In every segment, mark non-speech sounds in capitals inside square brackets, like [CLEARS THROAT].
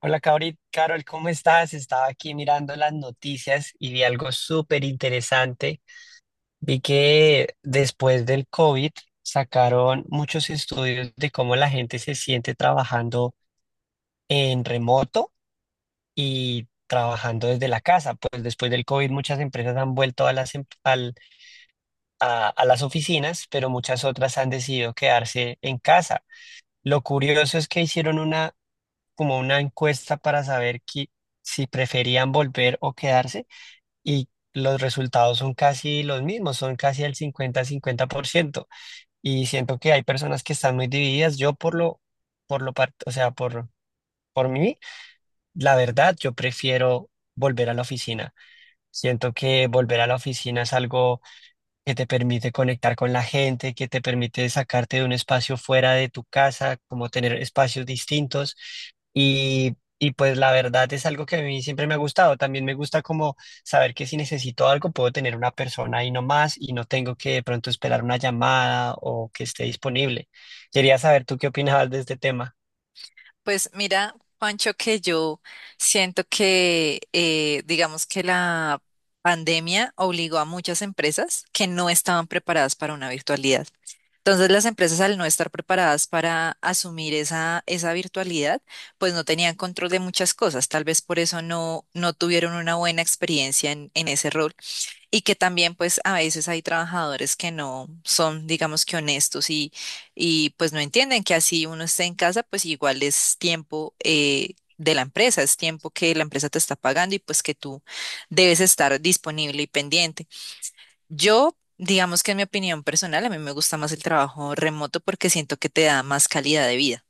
Hola, Carol, ¿cómo estás? Estaba aquí mirando las noticias y vi algo súper interesante. Vi que después del COVID sacaron muchos estudios de cómo la gente se siente trabajando en remoto y trabajando desde la casa. Pues después del COVID muchas empresas han vuelto a las, em- al- a las oficinas, pero muchas otras han decidido quedarse en casa. Lo curioso es que hicieron una encuesta para saber si preferían volver o quedarse, y los resultados son casi los mismos, son casi el 50-50%. Y siento que hay personas que están muy divididas. Yo, o sea, por mí, la verdad, yo prefiero volver a la oficina. Siento que volver a la oficina es algo que te permite conectar con la gente, que te permite sacarte de un espacio fuera de tu casa, como tener espacios distintos. Y pues la verdad es algo que a mí siempre me ha gustado. También me gusta como saber que si necesito algo puedo tener una persona ahí nomás y no tengo que de pronto esperar una llamada o que esté disponible. Quería saber tú qué opinabas de este tema. Pues mira, Juancho, que yo siento que, digamos que la pandemia obligó a muchas empresas que no estaban preparadas para una virtualidad. Entonces, las empresas al no estar preparadas para asumir esa virtualidad, pues no tenían control de muchas cosas. Tal vez por eso no tuvieron una buena experiencia en ese rol. Y que también pues a veces hay trabajadores que no son, digamos que honestos y pues no entienden que así uno esté en casa, pues igual es tiempo de la empresa, es tiempo que la empresa te está pagando y pues que tú debes estar disponible y pendiente. Yo, digamos que en mi opinión personal, a mí me gusta más el trabajo remoto porque siento que te da más calidad de vida.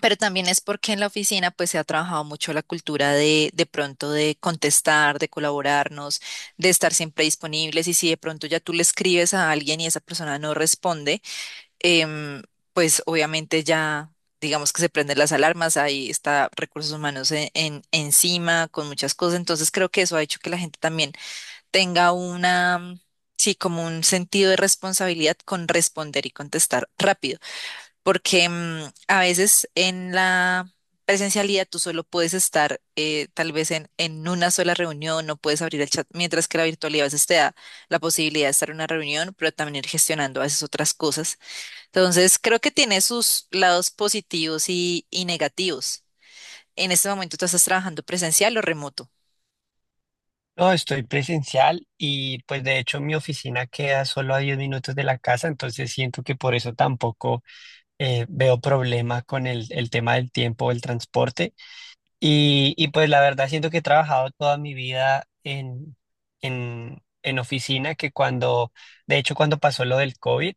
Pero también es porque en la oficina pues se ha trabajado mucho la cultura de pronto de contestar, de colaborarnos, de estar siempre disponibles y si de pronto ya tú le escribes a alguien y esa persona no responde, em, pues obviamente ya digamos que se prenden las alarmas, ahí está recursos humanos encima con muchas cosas, entonces creo que eso ha hecho que la gente también tenga una, sí, como un sentido de responsabilidad con responder y contestar rápido porque a veces en la presencialidad tú solo puedes estar tal vez en una sola reunión, no puedes abrir el chat, mientras que la virtualidad a veces te da la posibilidad de estar en una reunión, pero también ir gestionando a veces otras cosas. Entonces, creo que tiene sus lados positivos y negativos. En este momento tú estás trabajando presencial o remoto. No, estoy presencial y pues de hecho mi oficina queda solo a 10 minutos de la casa, entonces siento que por eso tampoco veo problemas con el tema del tiempo, el transporte. Y pues la verdad siento que he trabajado toda mi vida en oficina, que de hecho cuando pasó lo del COVID,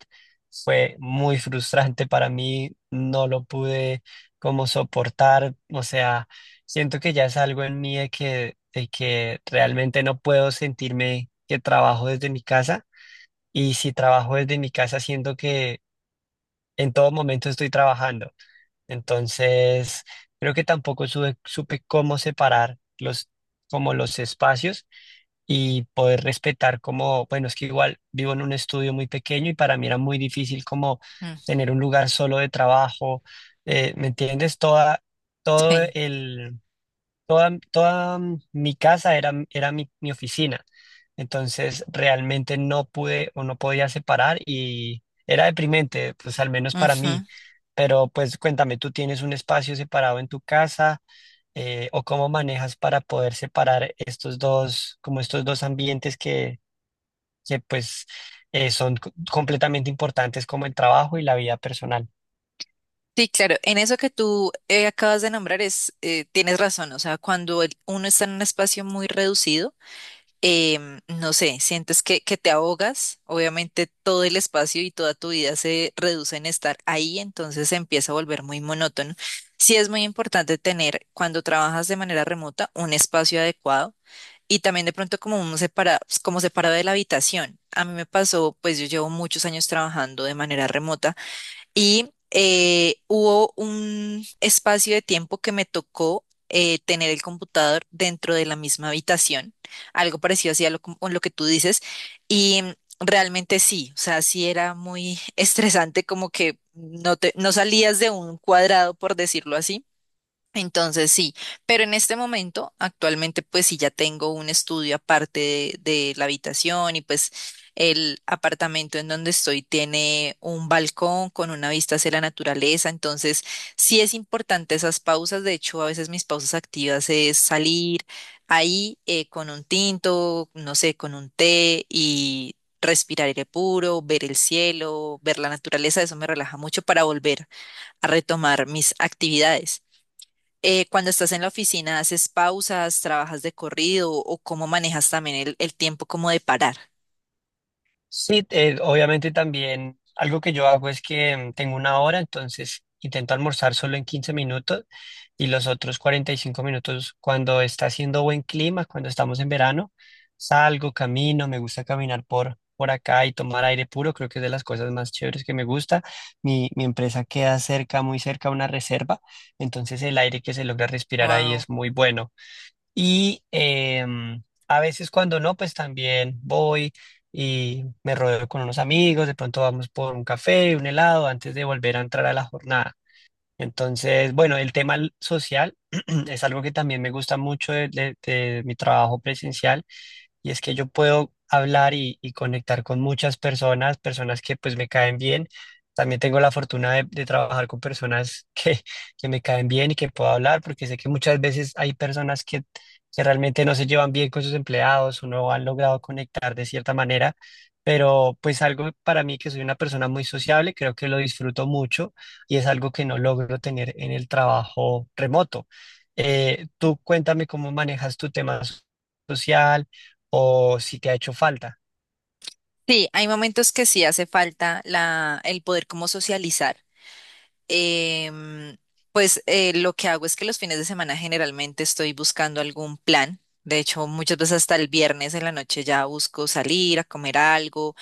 fue muy frustrante para mí, no lo pude como soportar, o sea, siento que ya es algo en mí de que, realmente no puedo sentirme que trabajo desde mi casa. Y si trabajo desde mi casa, siento que en todo momento estoy trabajando. Entonces, creo que tampoco supe cómo separar los espacios y poder respetar como, bueno, es que igual vivo en un estudio muy pequeño y para mí era muy difícil como Mm, tener un lugar solo de trabajo, ¿me entiendes? Todo sí. el, toda mi casa era mi oficina. Entonces realmente no pude o no podía separar y era deprimente, pues al menos para mí. Ujú. Pero pues cuéntame, ¿tú tienes un espacio separado en tu casa, o cómo manejas para poder separar estos dos, como estos dos ambientes que pues son completamente importantes, como el trabajo y la vida personal? Sí, claro, en eso que tú acabas de nombrar es, tienes razón, o sea, cuando uno está en un espacio muy reducido, no sé, sientes que te ahogas, obviamente todo el espacio y toda tu vida se reduce en estar ahí, entonces se empieza a volver muy monótono. Sí es muy importante tener, cuando trabajas de manera remota, un espacio adecuado y también de pronto como un separado, como separado de la habitación. A mí me pasó, pues yo llevo muchos años trabajando de manera remota y hubo un espacio de tiempo que me tocó tener el computador dentro de la misma habitación, algo parecido así a lo, lo que tú dices. Y realmente sí, o sea, sí era muy [LAUGHS] estresante, como que no te, no salías de un cuadrado, por decirlo así. Entonces sí, pero en este momento, actualmente, pues sí ya tengo un estudio aparte de la habitación y pues el apartamento en donde estoy tiene un balcón con una vista hacia la naturaleza, entonces sí es importante esas pausas, de hecho a veces mis pausas activas es salir ahí con un tinto, no sé, con un té y respirar aire puro, ver el cielo, ver la naturaleza, eso me relaja mucho para volver a retomar mis actividades. Cuando estás en la oficina, ¿haces pausas, trabajas de corrido o cómo manejas también el tiempo como de parar? Sí, obviamente también algo que yo hago es que tengo una hora, entonces intento almorzar solo en 15 minutos y los otros 45 minutos, cuando está haciendo buen clima, cuando estamos en verano, salgo, camino, me gusta caminar por acá y tomar aire puro, creo que es de las cosas más chéveres que me gusta. Mi empresa queda cerca, muy cerca a una reserva, entonces el aire que se logra respirar ahí Wow. es muy bueno. Y a veces cuando no, pues también voy y me rodeo con unos amigos, de pronto vamos por un café, un helado, antes de volver a entrar a la jornada. Entonces, bueno, el tema social [CLEARS THROAT] es algo que también me gusta mucho de mi trabajo presencial, y es que yo puedo hablar y conectar con muchas personas, que pues me caen bien. También tengo la fortuna de trabajar con personas [LAUGHS] que me caen bien y que puedo hablar, porque sé que muchas veces hay personas que realmente no se llevan bien con sus empleados o no han logrado conectar de cierta manera, pero pues algo para mí que soy una persona muy sociable, creo que lo disfruto mucho, y es algo que no logro tener en el trabajo remoto. Tú cuéntame cómo manejas tu tema social o si te ha hecho falta. Sí, hay momentos que sí hace falta el poder como socializar. em, pues lo que hago es que los fines de semana generalmente estoy buscando algún plan. De hecho, muchas veces hasta el viernes en la noche ya busco salir a comer algo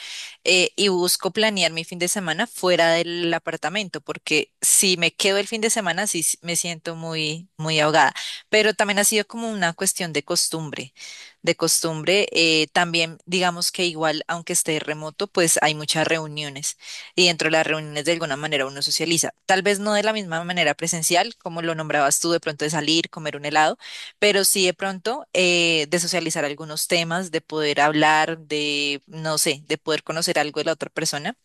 y busco planear mi fin de semana fuera del apartamento, porque si me quedo el fin de semana sí me siento muy ahogada. Pero también ha sido como una cuestión de costumbre, de costumbre. También digamos que igual, aunque esté remoto, pues hay muchas reuniones y dentro de las reuniones de alguna manera uno socializa. Tal vez no de la misma manera presencial, como lo nombrabas tú, de pronto de salir, comer un helado, pero sí de pronto de socializar algunos temas, de poder hablar, de, no sé, de poder conocer algo de la otra persona,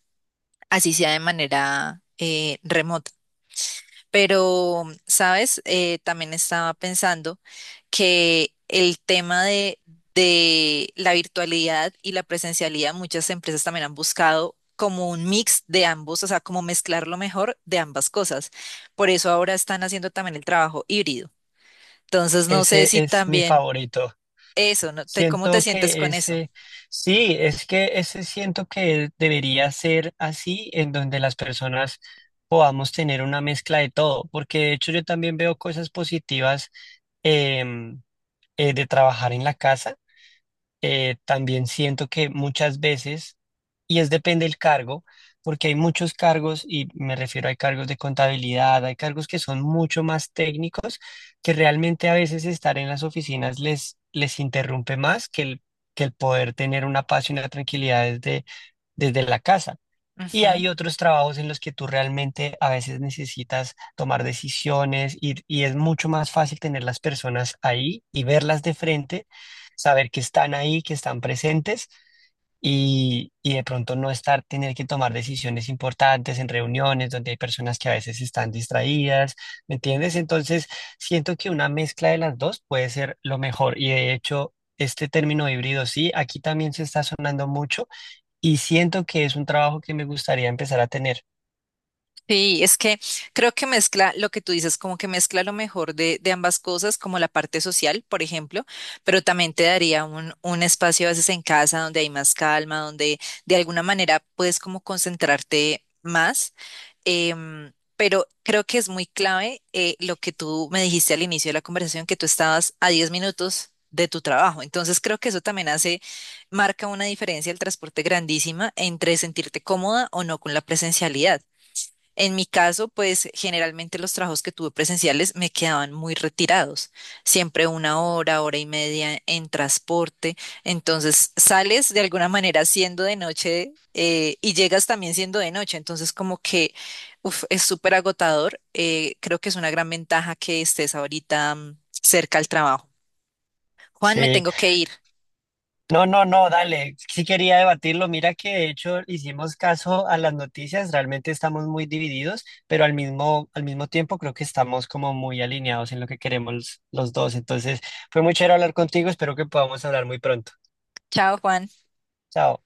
así sea de manera remota. Pero, ¿sabes? También estaba pensando que el tema de la virtualidad y la presencialidad, muchas empresas también han buscado como un mix de ambos, o sea, como mezclar lo mejor de ambas cosas. Por eso ahora están haciendo también el trabajo híbrido. Entonces, no sé Ese si es mi también favorito. eso, ¿no? Te- ¿Cómo te Siento sientes que con eso? ese, sí, es que ese siento que debería ser así, en donde las personas podamos tener una mezcla de todo, porque de hecho yo también veo cosas positivas em, de trabajar en la casa. También siento que muchas veces, y es depende del cargo, porque hay muchos cargos, y me refiero a cargos de contabilidad, hay cargos que son mucho más técnicos, que realmente a veces estar en las oficinas les interrumpe más que el poder tener una paz y una tranquilidad desde la casa. Y hay otros trabajos en los que tú realmente a veces necesitas tomar decisiones, y es mucho más fácil tener las personas ahí y verlas de frente, saber que están ahí, que están presentes, y de pronto no estar, tener que tomar decisiones importantes en reuniones donde hay personas que a veces están distraídas, ¿me entiendes? Entonces, siento que una mezcla de las dos puede ser lo mejor y, de hecho, este término híbrido, sí, aquí también se está sonando mucho, y siento que es un trabajo que me gustaría empezar a tener. Sí, es que creo que mezcla lo que tú dices, como que mezcla lo mejor de ambas cosas, como la parte social, por ejemplo, pero también te daría un espacio a veces en casa donde hay más calma, donde de alguna manera puedes como concentrarte más. Pero creo que es muy clave lo que tú me dijiste al inicio de la conversación, que tú estabas a 10 minutos de tu trabajo. Entonces creo que eso también hace, marca una diferencia el transporte grandísima entre sentirte cómoda o no con la presencialidad. En mi caso, pues generalmente los trabajos que tuve presenciales me quedaban muy retirados, siempre una hora, hora y media en transporte, entonces sales de alguna manera siendo de noche y llegas también siendo de noche, entonces como que uf, es súper agotador, creo que es una gran ventaja que estés ahorita cerca al trabajo. Juan, me Sí, tengo que ir. no, no, no, dale, sí quería debatirlo. Mira que de hecho hicimos caso a las noticias, realmente estamos muy divididos, pero al mismo tiempo creo que estamos como muy alineados en lo que queremos los dos. Entonces, fue muy chévere hablar contigo, espero que podamos hablar muy pronto. Chao, Juan. Chao.